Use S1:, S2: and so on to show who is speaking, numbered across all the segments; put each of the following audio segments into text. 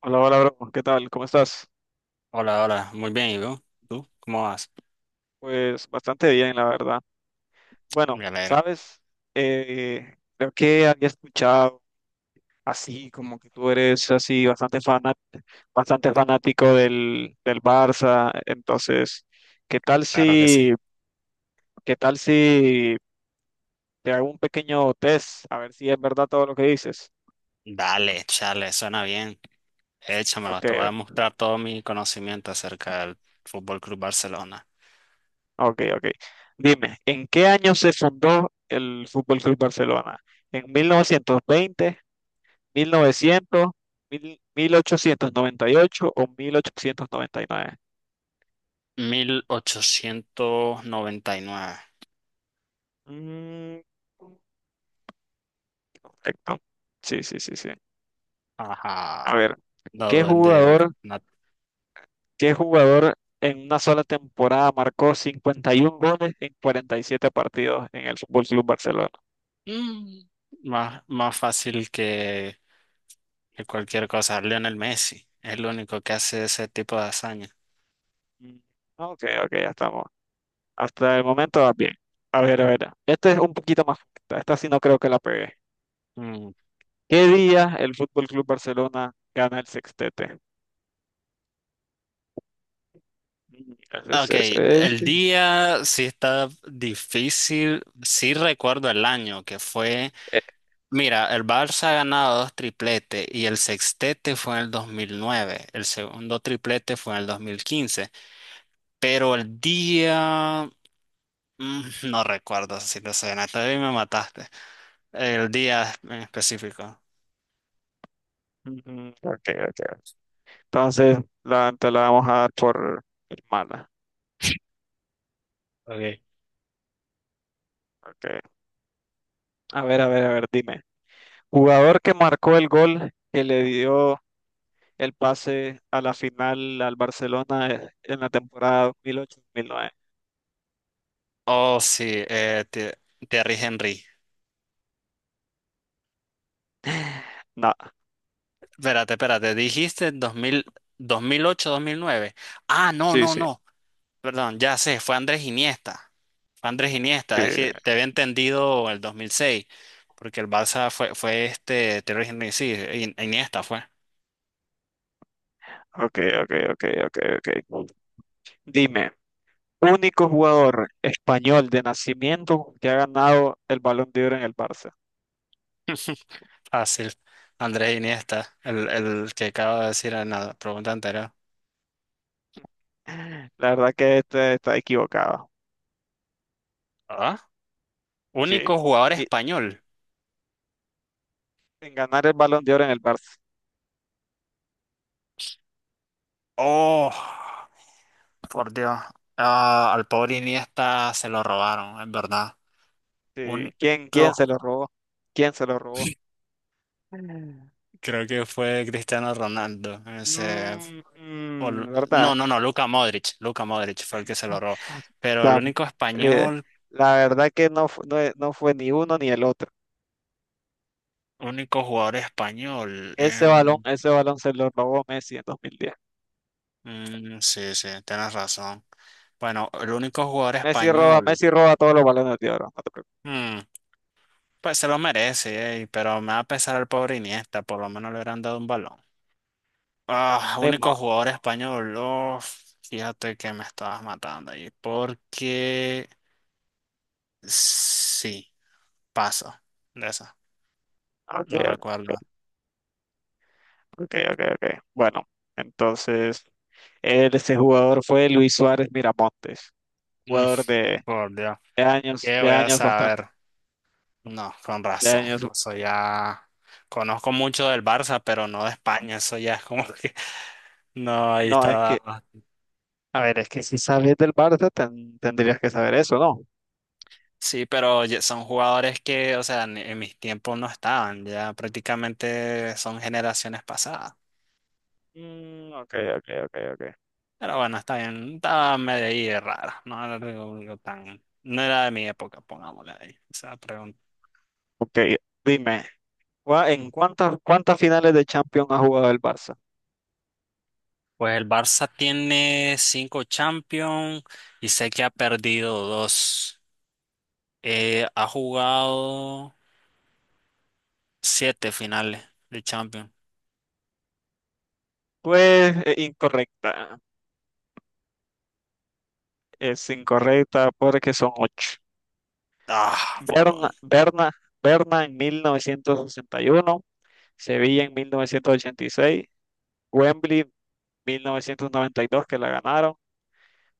S1: Hola, hola, bro. ¿Qué tal? ¿Cómo estás?
S2: Hola, hola, muy bien, ¿y tú? ¿Tú? ¿Cómo vas?
S1: Pues bastante bien, la verdad. Bueno,
S2: Me alegro,
S1: sabes, creo que había escuchado así como que tú eres así bastante fanat bastante fanático del Barça. Entonces, ¿qué tal
S2: claro que sí.
S1: si, ¿qué tal si te hago un pequeño test a ver si es verdad todo lo que dices?
S2: Dale, chale, suena bien. Échamelo,
S1: Ok,
S2: te voy a mostrar todo mi conocimiento acerca del Fútbol Club Barcelona.
S1: ok. Dime, ¿en qué año se fundó el Fútbol Club Barcelona? ¿En 1920 1900 mil- 1898 o 1899.
S2: 1899.
S1: Mm, correcto. Sí, sí, sí, sí. A
S2: Ajá,
S1: ver, ¿qué
S2: dado desde el.
S1: jugador, ¿qué jugador en una sola temporada marcó 51 goles en 47 partidos en el Fútbol Club Barcelona?
S2: Mm. Más fácil que cualquier cosa. Lionel Messi es el único que hace ese tipo de hazaña.
S1: Mm, ok, ok, ya estamos. Hasta el momento va bien. A ver. Esta es un poquito más corta. Esta sí no creo que la pegué.
S2: Mm,
S1: ¿Qué día el Fútbol Club Barcelona gana el sextete? Mm,
S2: ok,
S1: ese- ese-
S2: el
S1: ese-
S2: día sí está difícil, sí recuerdo el año que fue, mira, el Barça ha ganado dos tripletes y el sextete fue en el 2009, el segundo triplete fue en el 2015, pero el día, mm, no recuerdo si lo sé, Natalia, me mataste, el día en específico.
S1: ujú, ok, ok. Entonces, te la vamos a dar por mala.
S2: Okay.
S1: Okay. Dime. Jugador que marcó el gol que le dio el pase a la final al Barcelona, en la temporada 2008-2009.
S2: Oh, sí, Thierry Henry.
S1: No,
S2: Espérate, espérate, dijiste 2000, 2008, 2009. Ah, no,
S1: sí,
S2: no,
S1: sí,
S2: no. Perdón, ya sé, fue Andrés Iniesta. Fue Andrés
S1: sí.
S2: Iniesta, es que te había entendido el 2006, porque el Barça fue Thierry Henry, sí, Iniesta fue.
S1: Ok, ok, ok, ok, ok. Dime, único jugador español de nacimiento que ha ganado el Balón de Oro en el Barça.
S2: Fácil. Andrés Iniesta, el que acabo de decir en la pregunta anterior.
S1: La verdad que este está equivocado.
S2: ¿Ah?
S1: Sí.
S2: Único jugador
S1: Y
S2: español.
S1: en ganar el Balón de Oro en el Barça.
S2: Oh, por Dios. Ah, al pobre Iniesta se lo robaron, es verdad.
S1: Sí, ¿ quién se
S2: Único.
S1: lo robó? ¿Quién se lo robó?
S2: Mm. Creo que fue Cristiano Ronaldo, ese
S1: Mm,
S2: o
S1: mm, ¿verdad?
S2: No, no, no, Luka Modric, Luka Modric fue el que se lo robó. Pero el
S1: Tam-
S2: único
S1: eh,
S2: español,
S1: la verdad que no, no, no fue ni uno ni el otro.
S2: único jugador español.
S1: Ese balón, ese balón se lo robó Messi en 2010.
S2: Mm, sí, sí, tienes razón. Bueno, el único jugador español,
S1: Messi roba todos los balones de oro, no te preocupes.
S2: mm, pues se lo merece, ey, pero me va a pesar al pobre Iniesta, por lo menos le hubieran dado un balón. Ah,
S1: Ni
S2: único
S1: modo.
S2: jugador español, uf, fíjate que me estabas matando ahí, porque sí, paso de esa,
S1: Ok,
S2: no recuerdo.
S1: ok, ok. Bueno, entonces, ese jugador fue Luis Suárez Miramontes,
S2: Mm,
S1: jugador de,
S2: por Dios. ¿Qué
S1: de
S2: voy a
S1: años bastante,
S2: saber? No, con
S1: de
S2: razón.
S1: años.
S2: Eso ya conozco mucho del Barça, pero no de España. Eso ya es como que no, ahí
S1: No, es que
S2: estaba.
S1: A ver, es que si sabes del Barça, tendrías que saber eso, ¿no?
S2: Sí, pero ya son jugadores que, o sea, en mis tiempos no estaban. Ya prácticamente son generaciones pasadas.
S1: Mm, ok.
S2: Pero bueno, está bien. Estaba medio ahí rara. No era algo tan. No era de mi época, pongámosle ahí. Esa pregunta.
S1: Ok, dime, ¿cuántas finales de Champions ha jugado el Barça?
S2: Pues el Barça tiene cinco Champions y sé que ha perdido dos. Ha jugado siete finales de Champions.
S1: Pues incorrecta, es incorrecta porque son ocho.
S2: Ah, por
S1: Berna,
S2: un.
S1: Berna, Berna en 1961, Sevilla en 1986, Wembley 1992 que la ganaron,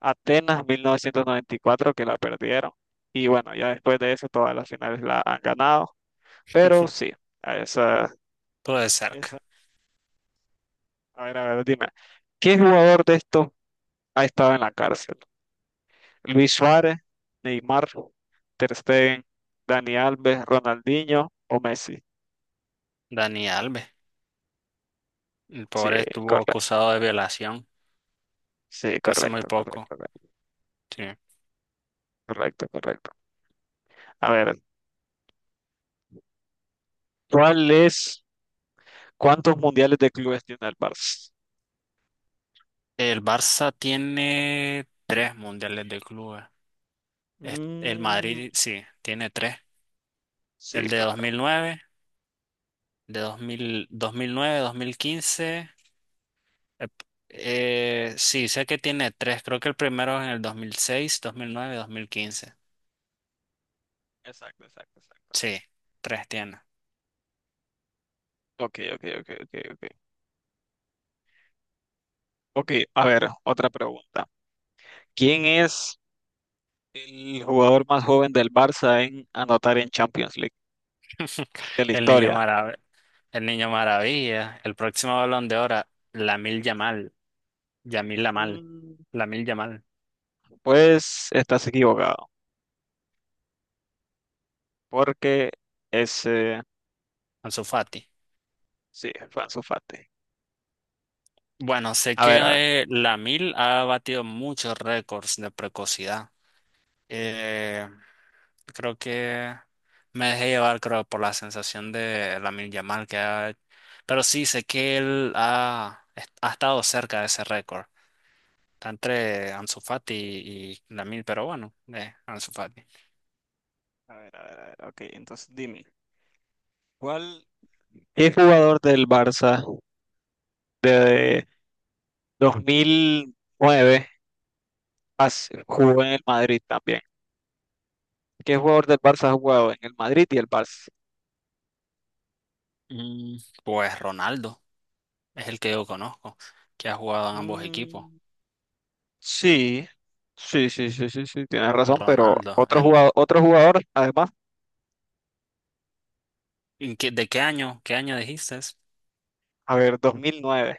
S1: Atenas 1994 que la perdieron. Y bueno, ya después de eso todas las finales la han ganado. Pero sí, a esa,
S2: Todo de
S1: esa.
S2: cerca.
S1: Dime. ¿Qué jugador de estos ha estado en la cárcel? Luis Suárez, Neymar, Ter Stegen, Dani Alves, Ronaldinho o Messi.
S2: Dani Alves. El
S1: Sí,
S2: pobre estuvo
S1: correcto.
S2: acusado de violación
S1: Sí,
S2: hasta hace muy poco. Sí.
S1: correcto. A ver, ¿cuál es, cuántos mundiales de clubes tiene el Barça?
S2: El Barça tiene tres mundiales de clubes. El
S1: Mm,
S2: Madrid, sí, tiene tres.
S1: sí,
S2: El de dos
S1: claro.
S2: mil nueve, de 2000, 2009, 2015. Eh, sí, sé que tiene tres. Creo que el primero es en el dos mil seis, dos mil nueve, dos mil quince.
S1: Exacto.
S2: Sí, tres tiene.
S1: Ok. Ok, a ver, otra pregunta. ¿Quién es el jugador más joven del Barça en anotar en Champions League de la
S2: El niño
S1: historia?
S2: marav- el niño maravilla, el próximo Balón de Oro, Lamil Yamal, Yamil Lamal,
S1: Mm,
S2: Lamil Yamal,
S1: pues estás equivocado, porque ese
S2: Ansu Fati.
S1: sí, fue Ansu Fati.
S2: Bueno, sé
S1: A ver, a ver,
S2: que Lamil ha batido muchos récords de precocidad. Eh, Creo que me dejé llevar, creo, por la sensación de Lamil Yamal que ha. Pero sí, sé que él ha estado cerca de ese récord. Está entre Ansu Fati y Lamil, pero bueno, Ansu Fati.
S1: A ver, a ver. Ok, entonces dime, ¿cuál? ¿Qué jugador del Barça de 2009 jugó en el Madrid también? ¿Qué jugador del Barça ha jugado en el Madrid y el Barça?
S2: Mm, Pues Ronaldo es el que yo conozco, que ha jugado en ambos equipos.
S1: Mm, sí, sí, tienes razón, pero
S2: Ronaldo,
S1: otro jugador, además.
S2: ¿de qué año? ¿Qué año dijiste?
S1: A ver, dos mil nueve.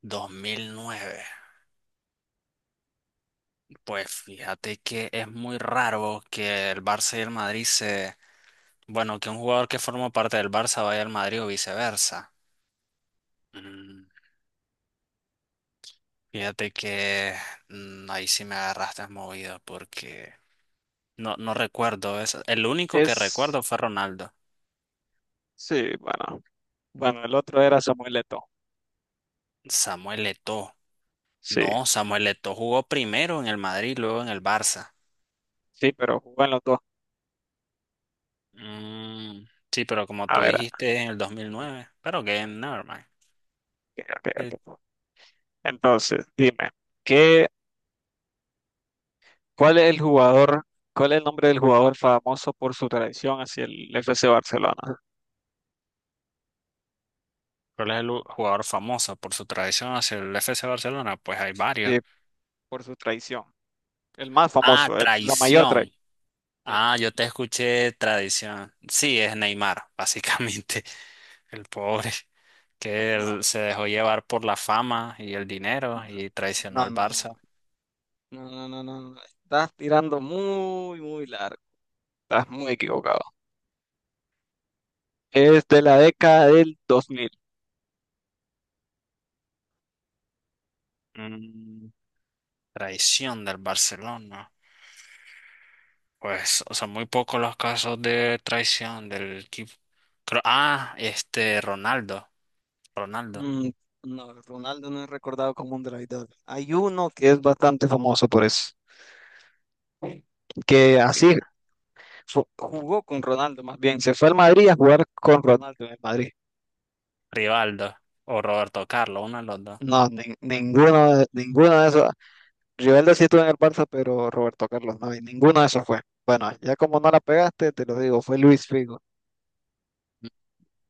S2: 2009. Pues fíjate que es muy raro que el Barça y el Madrid se. Bueno, que un jugador que forma parte del Barça vaya al Madrid o viceversa. Mm, Fíjate que ahí sí me agarraste movido porque no, no recuerdo eso. El único que recuerdo
S1: Es,
S2: fue Ronaldo.
S1: sí, bueno, el otro era Samuel Eto'o.
S2: Samuel Eto'o.
S1: Sí,
S2: No, Samuel Eto'o jugó primero en el Madrid, luego en el Barça.
S1: sí, pero jugó en los dos.
S2: Mm, sí, pero como
S1: A
S2: tú
S1: ver,
S2: dijiste en el 2009, pero que never mind.
S1: ok,
S2: Eh,
S1: ok. Entonces, dime, ¿qué, ¿cuál es el jugador, cuál es el nombre del jugador famoso por su traición hacia el FC Barcelona?
S2: ¿Cuál es el jugador famoso por su traición hacia el FC Barcelona? Pues hay varios.
S1: Sí, por su traición. El más
S2: Ah,
S1: famoso, la mayor
S2: traición.
S1: traición. Sí,
S2: Ah, yo te escuché tradición. Sí, es Neymar, básicamente. El pobre que
S1: no,
S2: él se dejó llevar por la fama y el dinero y traicionó
S1: no,
S2: al
S1: no, no,
S2: Barça.
S1: no. Estás tirando muy, muy largo. Estás muy equivocado. Es de la década del dos mil.
S2: Mm, traición del Barcelona. Pues, o sea, muy pocos los casos de traición del equipo. Ah, Ronaldo, Ronaldo,
S1: Mm, no, Ronaldo no es recordado como un traidor. Hay uno que es bastante famoso por eso, que así jugó con Ronaldo, más bien, se fue al Madrid a jugar con Ronaldo en el Madrid.
S2: Rivaldo o Roberto Carlos, uno de los dos.
S1: No, ninguno de esos. Rivaldo sí estuvo en el Barça, pero Roberto Carlos no, y ninguno de esos fue. Bueno, ya como no la pegaste, te lo digo, fue Luis Figo.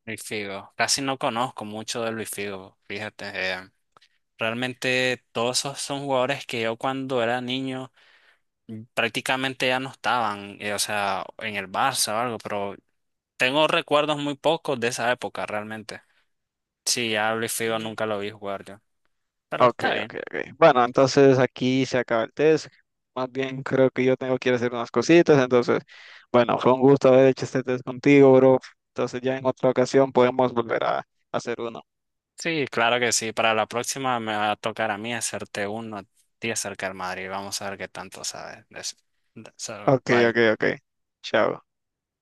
S2: Luis Figo. Casi no conozco mucho de Luis Figo, fíjate. Realmente todos esos son jugadores que yo cuando era niño prácticamente ya no estaban, o sea, en el Barça o algo, pero tengo recuerdos muy pocos de esa época realmente. Sí, ya Luis Figo
S1: Mm.
S2: nunca lo vi jugar yo. Pero está bien.
S1: Ok. Bueno, entonces aquí se acaba el test. Más bien creo que yo tengo que ir a hacer unas cositas. Entonces, bueno, fue un gusto haber hecho este test contigo, bro. Entonces ya en otra ocasión podemos volver a hacer uno.
S2: Sí, claro que sí. Para la próxima me va a tocar a mí hacerte uno a ti acerca del Madrid. Vamos a ver qué tanto sabes de eso. So, bye.
S1: Ok. Chao.